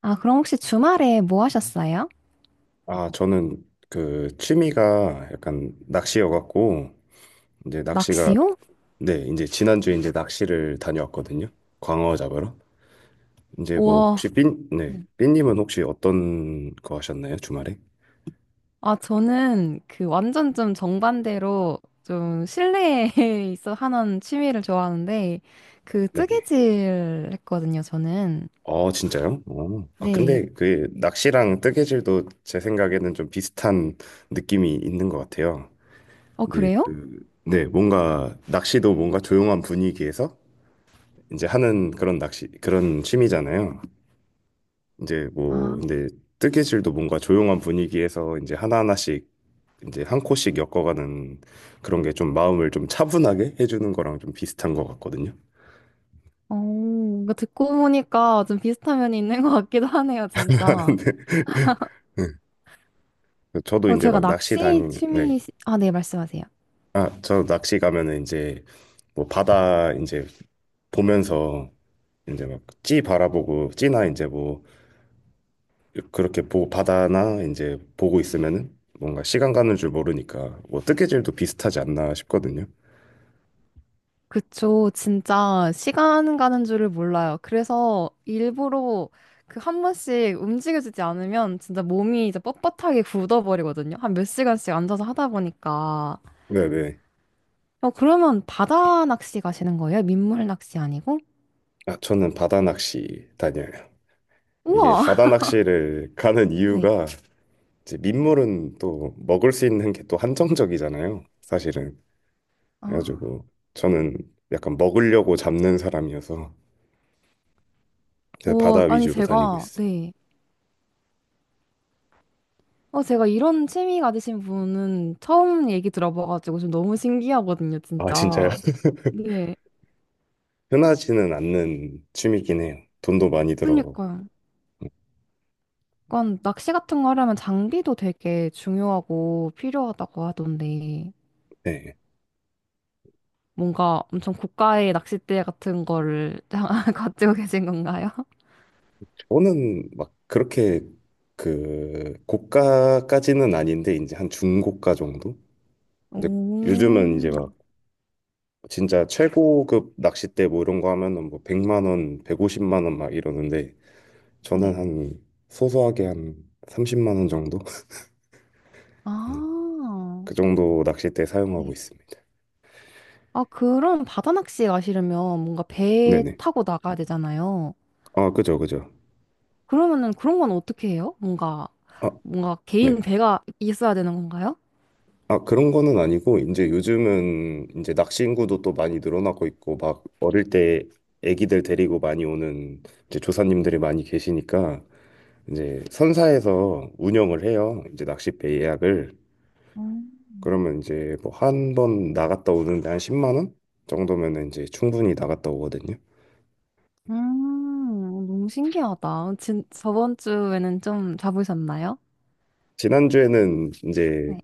아, 그럼 혹시 주말에 뭐 하셨어요? 아, 저는 그 취미가 약간 낚시여갖고 이제 낚시가. 낚시요? 네, 이제 지난주에 이제 낚시를 다녀왔거든요. 광어 잡으러. 이제 뭐 우와. 혹시 삔, 네, 네. 삔님은 혹시 어떤 거 하셨나요? 주말에? 아, 저는 그 완전 좀 정반대로 좀 실내에 있어 하는 취미를 좋아하는데 그 네네. 뜨개질 했거든요, 저는. 어, 진짜요? 어. 아, 네. 근데 그 낚시랑 뜨개질도 제 생각에는 좀 비슷한 느낌이 있는 것 같아요. 어, 근데 그래요? 그, 네, 뭔가 낚시도 뭔가 조용한 분위기에서 이제 하는 그런 낚시, 그런 취미잖아요. 이제 뭐 아, 근데 뜨개질도 뭔가 조용한 분위기에서 이제 하나하나씩 이제 한 코씩 엮어가는 그런 게 좀 마음을 좀 차분하게 해주는 거랑 좀 비슷한 것 같거든요. 어, 이거 듣고 보니까 좀 비슷한 면이 있는 것 같기도 하네요, 진짜. 근데 네. 저도 어, 이제 제가 막 낚시 낚시 다니면 네. 취미, 아, 네, 말씀하세요. 아, 저 낚시 가면은 이제 뭐 바다 이제 보면서 이제 막 찌 바라보고 찌나 이제 뭐 그렇게 보 바다나 이제 보고 있으면은 뭔가 시간 가는 줄 모르니까 뭐 뜨개질도 비슷하지 않나 싶거든요. 그쵸. 진짜 시간 가는 줄을 몰라요. 그래서 일부러 그 한 번씩 움직여주지 않으면 진짜 몸이 이제 뻣뻣하게 굳어버리거든요. 한 몇 시간씩 앉아서 하다 보니까. 네네. 어, 그러면 바다 낚시 가시는 거예요? 민물 낚시 아니고? 아, 저는 바다 낚시 다녀요. 이게 바다 우와! 낚시를 가는 네. 이유가 이제 민물은 또 먹을 수 있는 게 또 한정적이잖아요. 사실은. 아, 그래가지고 저는 약간 먹으려고 잡는 사람이어서 그래서 바다 오, 아니, 위주로 다니고 제가, 있어요. 네. 어, 제가 이런 취미 가지신 분은 처음 얘기 들어봐가지고 좀 너무 신기하거든요, 아, 진짜요? 진짜. 네. 흔하지는 않는 취미긴 해요. 돈도 많이 들어가고. 그러니까요. 약간 낚시 같은 거 하려면 장비도 되게 중요하고 필요하다고 하던데 네. 뭔가 엄청 고가의 낚싯대 같은 거를 가지고 계신 건가요? 저는 막 그렇게 그 고가까지는 아닌데 이제 한 중고가 정도? 오, 이제 요즘은 이제 막 진짜 최고급 낚싯대 뭐 이런 거 하면은 뭐 100만 원, 150만 원 막 이러는데 저는 네. 한 소소하게 한 30만 원 정도? 네. 아, 그 정도 낚싯대 사용하고 네. 있습니다. 아, 그럼 바다 낚시 가시려면 뭔가 배 네네. 타고 나가야 되잖아요. 아, 그죠, 그죠. 그러면은 그런 건 어떻게 해요? 뭔가, 아, 뭔가 개인 네. 배가 있어야 되는 건가요? 아, 그런 거는 아니고 이제 요즘은 이제 낚시 인구도 또 많이 늘어나고 있고 막 어릴 때 애기들 데리고 많이 오는 이제 조사님들이 많이 계시니까 이제 선사에서 운영을 해요. 이제 낚싯배 예약을. 음, 그러면 이제 뭐 한 번 나갔다 오는데 한 10만 원 정도면은 이제 충분히 나갔다 오거든요. 너무 신기하다. 진, 저번 주에는 좀 잡으셨나요? 지난주에는 이제 네.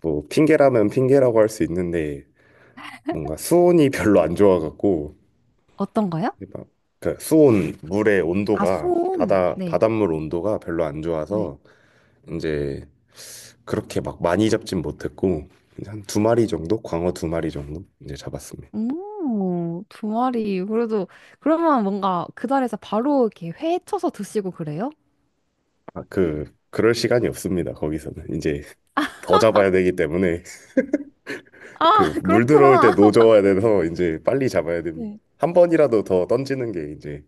뭐 핑계라면 핑계라고 할 수 있는데 뭔가 수온이 별로 안 좋아갖고 어떤 거요? 막 그 수온 물의 아, 온도가 손. 바다 네. 바닷물 온도가 별로 안 네. 좋아서 이제 그렇게 막 많이 잡진 못했고 한 두 마리 정도 광어 두 마리 정도 이제 잡았습니다. 오, 두 마리. 그래도, 그러면 뭔가 그 자리에서 바로 이렇게 회 쳐서 드시고 그래요? 아, 그 그럴 시간이 없습니다. 거기서는 이제 더 잡아야 되기 때문에 아, 그 물 들어올 때 그렇구나. 노져야 돼서 이제 빨리 잡아야 됩니다. 네. 한 번이라도 더 던지는 게 이제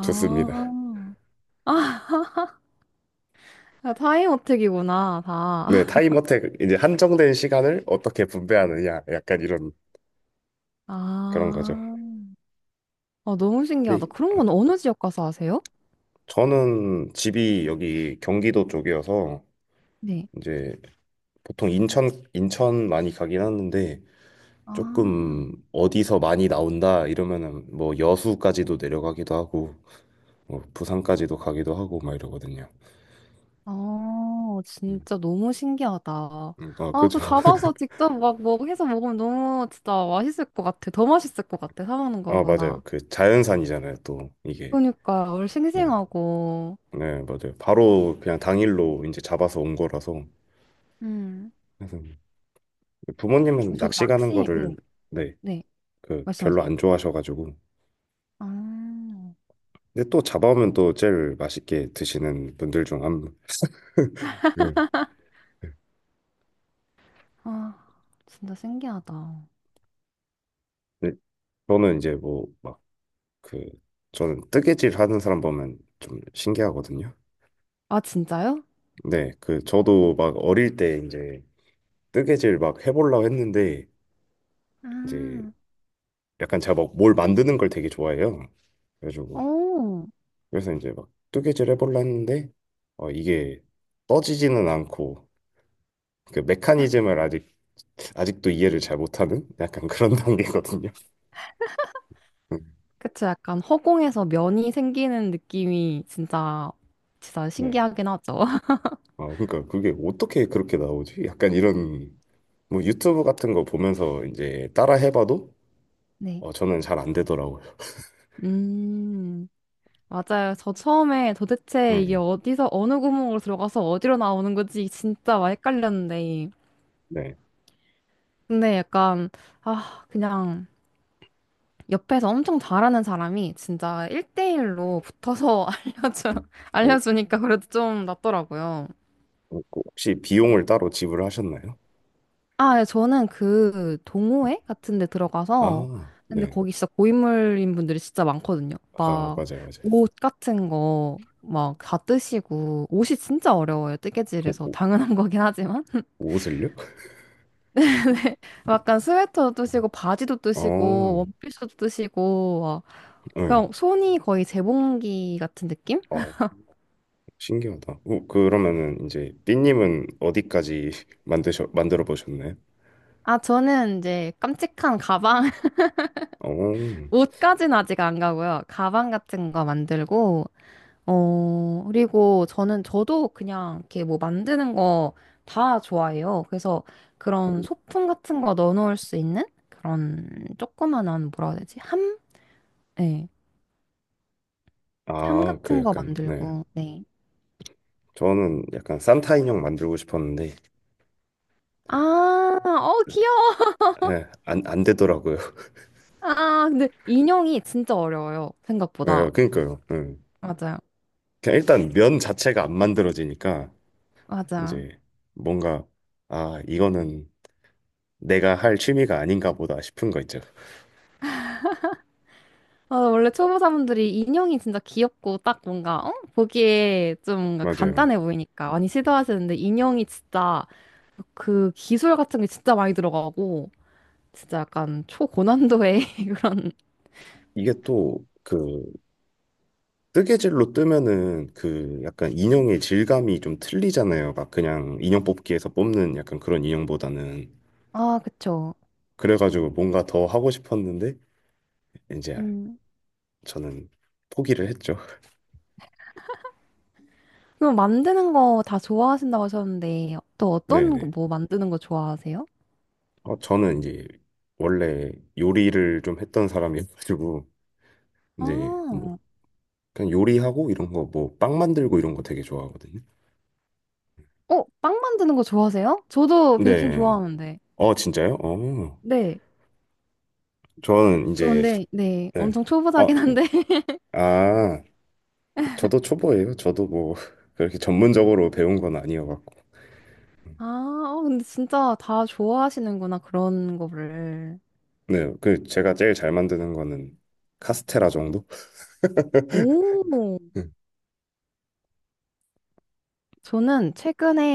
좋습니다. 아, 타이어택이구나 네, 다. 타임어택 이제 한정된 시간을 어떻게 네. 분배하느냐 약간 이런 그런 거죠. 아, 아, 너무 신기하다. 근데 그런 건 어느 지역 가서 하세요? 저는 집이 여기 경기도 쪽이어서 네. 이제 보통 인천 많이 가긴 하는데 아. 조금 어디서 많이 나온다 이러면은 뭐 여수까지도 내려가기도 하고 뭐 부산까지도 가기도 하고 막 이러거든요. 아, 음, 진짜 너무 신기하다. 아, 아, 그죠. 그 잡아서 직접 막 뭐 해서 먹으면 너무 진짜 맛있을 것 같아. 더 맛있을 것 같아. 사 먹는 아, 맞아요. 거보다. 그 자연산이잖아요, 또 이게. 그러니까 얼 네. 싱싱하고. 네, 맞아요. 바로 그냥 당일로 이제 잡아서 온 거라서. 음. 그래서 부모님은 저도 낚시 가는 낚시, 거를 네, 네, 네, 그 별로 말씀하세요. 안 좋아하셔가지고. 아, 근데 또 잡아오면 또 제일 맛있게 드시는 분들 중 한 분. 그 아, 진짜 신기하다. 네, 저는 이제 뭐 막 그 저는 뜨개질 하는 사람 보면 좀 신기하거든요. 아, 진짜요? 네, 그 저도 막 어릴 때 이제 뜨개질 막 해보려고 했는데 이제 아, 약간 제가 막 뭘 만드는 걸 되게 좋아해요. 그래가지고 오, 그래서 이제 막 뜨개질 해볼라 했는데 어 이게 떠지지는 않고 그 메커니즘을 아직도 이해를 잘 못하는 약간 그런 단계거든요. 음, 그쵸. 약간 허공에서 면이 생기는 느낌이 진짜, 진짜 네. 신기하긴 하죠. 어 그러니까 그게 어떻게 그렇게 나오지? 약간 이런 뭐 유튜브 같은 거 보면서 이제 따라 해봐도 네. 어 저는 잘 안 되더라고요. 음. 맞아요. 저 처음에 도대체 이게 음, 어디서 어느 구멍으로 들어가서 어디로 나오는 거지 진짜 막 헷갈렸는데. 네. 근데 약간 아 그냥 옆에서 엄청 잘하는 사람이 진짜 1대1로 붙어서 알려줘 어, 알려주니까 그래도 좀 낫더라고요. 어, 그 혹시 비용을 따로 지불하셨나요? 아, 예, 저는 그 동호회 같은 데 들어가서 아, 근데 네. 거기 진짜 고인물인 분들이 진짜 많거든요. 아, 막 맞아요, 맞아요. 옷 같은 거 막 다 뜨시고 옷이 진짜 어려워요. 어, 뜨개질에서 옷- 당연한 거긴 하지만 옷을요? 약간 스웨터도 뜨시고 바지도 뜨시고 어, 원피스도 뜨시고 막 네. 그냥 손이 거의 재봉기 같은 느낌? 어, 신기하다. 어, 그러면은 이제 삐님은 어디까지 만드셔 만들어 보셨나요? 아 저는 이제 깜찍한 가방 어, 옷까지는 아직 안 가고요. 가방 같은 거 만들고 어 그리고 저는 저도 그냥 이렇게 뭐 만드는 거 다 좋아해요. 그래서 그런 소품 같은 거 넣어놓을 수 있는 그런 조그만한 뭐라 해야 되지? 함? 네. 함 아, 그 같은 거 약간 네. 만들고 네. 저는 약간 산타 인형 만들고 싶었는데 아, 어, 귀여워. 예, 안 되더라고요. 아, 아, 근데 인형이 진짜 어려워요. 예, 생각보다. 그러니까요. 예. 맞아요. 그냥 일단 면 자체가 안 만들어지니까 맞아. 이제 뭔가 아, 이거는 내가 할 취미가 아닌가 보다 싶은 거 있죠. 아, 원래 초보자분들이 인형이 진짜 귀엽고 딱 뭔가, 어? 보기에 좀 뭔가 맞아요. 간단해 보이니까 많이 시도하시는데 인형이 진짜 그 기술 같은 게 진짜 많이 들어가고 진짜 약간 초고난도의 그런. 이게 또그 뜨개질로 뜨면은 그 약간 인형의 질감이 좀 틀리잖아요. 막 그냥 인형 뽑기에서 뽑는 약간 그런 인형보다는. 아, 그쵸. 그래가지고 뭔가 더 하고 싶었는데 이제 음. 저는 포기를 했죠. 그럼 만드는 거 다 좋아하신다고 하셨는데 또 어떤 거 네네. 뭐 만드는 거 좋아하세요? 어, 저는 이제 원래 요리를 좀 했던 사람이어가지고 아, 이제 뭐 어, 그냥 요리하고 이런 거 뭐 빵 만들고 이런 거 되게 좋아하거든요. 빵 만드는 거 좋아하세요? 저도 베이킹 네. 좋아하는데. 어, 진짜요? 어. 네. 저는 저 이제 근데, 네. 네. 엄청 어, 초보자긴 네. 한데. 아. 저도 초보예요. 저도 뭐 그렇게 전문적으로 배운 건 아니어갖고. 아, 어, 근데 진짜 다 좋아하시는구나, 그런 거를. 네, 그 제가 제일 잘 만드는 거는 카스테라 정도? 오, 응. 저는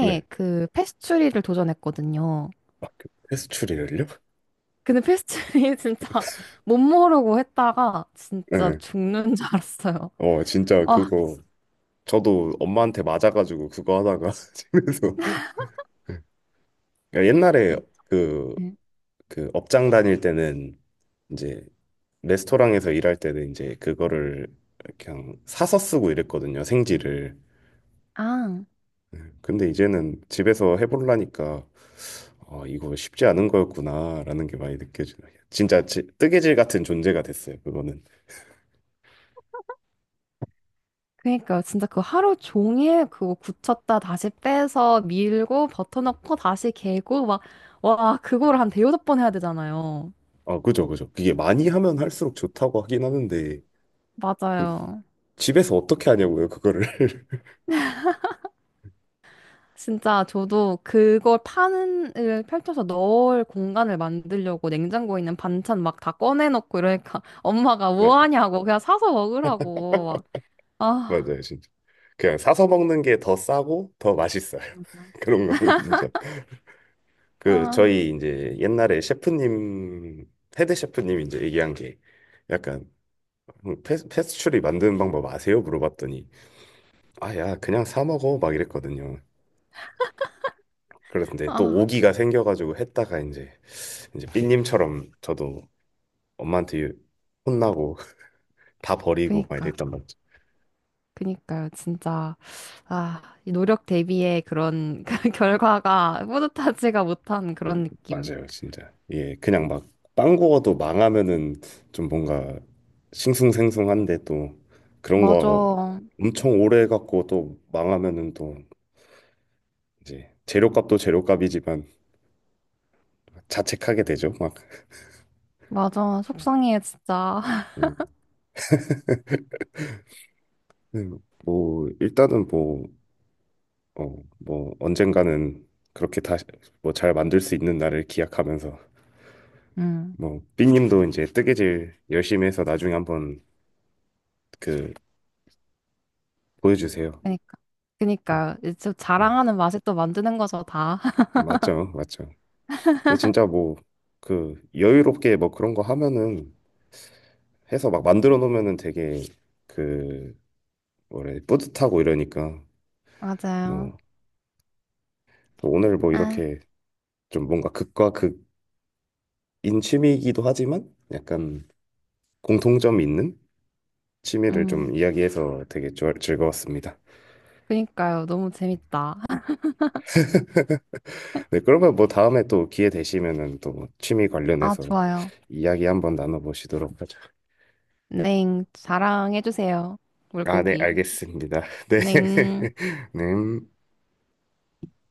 네. 그 패스츄리를 도전했거든요. 아, 그 페스츄리를요? 근데 패스츄리 진짜 못 모르고 했다가 진짜 네. 죽는 줄 알았어요. 어, 진짜 아, 그거 저도 엄마한테 맞아가지고 그거 하다가 집에서 그러니까 옛날에 그, 네. 그 업장 다닐 때는 이제 레스토랑에서 일할 때는 이제 그거를 그냥 사서 쓰고 이랬거든요. 생지를. 아, 네, 근데 이제는 집에서 해보려니까 아, 이거 쉽지 않은 거였구나라는 게 많이 느껴지네요. 진짜 뜨개질 같은 존재가 됐어요. 그거는. 그러니까 진짜 그 하루 종일 그거 굳혔다 다시 빼서 밀고 버터 넣고 다시 개고 막, 와, 그거를 한 대여섯 번 해야 되잖아요. 아 그죠, 그죠. 이게 많이 하면 할수록 좋다고 하긴 하는데 그 맞아요. 집에서 어떻게 하냐고요, 그거를. 진짜 저도 그걸 파는 을 펼쳐서 넣을 공간을 만들려고 냉장고에 있는 반찬 막 다 꺼내놓고 이러니까 엄마가 네, 뭐 하냐고 그냥 사서 먹으라고 막 아, 맞아요, 진짜. 그냥 사서 먹는 게 더 싸고 더 맛있어요. 맞아. 그런 거는 진짜. 그 아, 저희 이제 옛날에 셰프님 헤드 셰프님 이제 얘기한 게 약간 패스츄리 만드는 방법 아세요? 물어봤더니 아, 야, 그냥 사 먹어. 막 이랬거든요. 그런데 또 아. 오기가 생겨가지고 했다가 이제, 이제 삐님처럼 저도 엄마한테 혼나고 다 버리고 막 그니까요. 이랬단 말이죠. 그니까요. 진짜 아, 이 노력 대비의 그런 그 결과가 뿌듯하지가 못한 그런 느낌. 맞아요, 진짜. 예, 그냥 막 빵 구워도 망하면은 좀 뭔가 싱숭생숭한데 또 그런 거 맞아. 엄청 오래 갖고 또 망하면은 또 이제 재료값도 재료값이지만 자책하게 되죠. 막. 맞아. 속상해 진짜. 음, 뭐, 일단은 뭐, 어, 뭐 언젠가는 그렇게 다시 뭐 잘 만들 수 있는 날을 기약하면서 음. 뭐 삐님도 이제 뜨개질 열심히 해서 나중에 한번 그 보여주세요. 그니까. 그니까 저 음, 자랑하는 맛에 또 만드는 거죠, 다. 맞죠, 맞죠. 근데 진짜 뭐 그 여유롭게 뭐 그런 거 하면은 해서 막 만들어 놓으면은 되게 그 뭐래 뿌듯하고 이러니까 맞아요. 뭐 오늘 뭐 아, 이렇게 좀 뭔가 극과 극인 취미이기도 하지만 약간 공통점이 있는 취미를 음. 좀 이야기해서 되게 즐거웠습니다. 그니까요. 너무 재밌다. 네, 그러면 뭐 다음에 또 기회 되시면은 또뭐 취미 아, 관련해서 좋아요. 이야기 한번 나눠보시도록 하죠. 넹. 자랑해주세요. 아, 네, 물고기. 알겠습니다. 네. 넹. 네.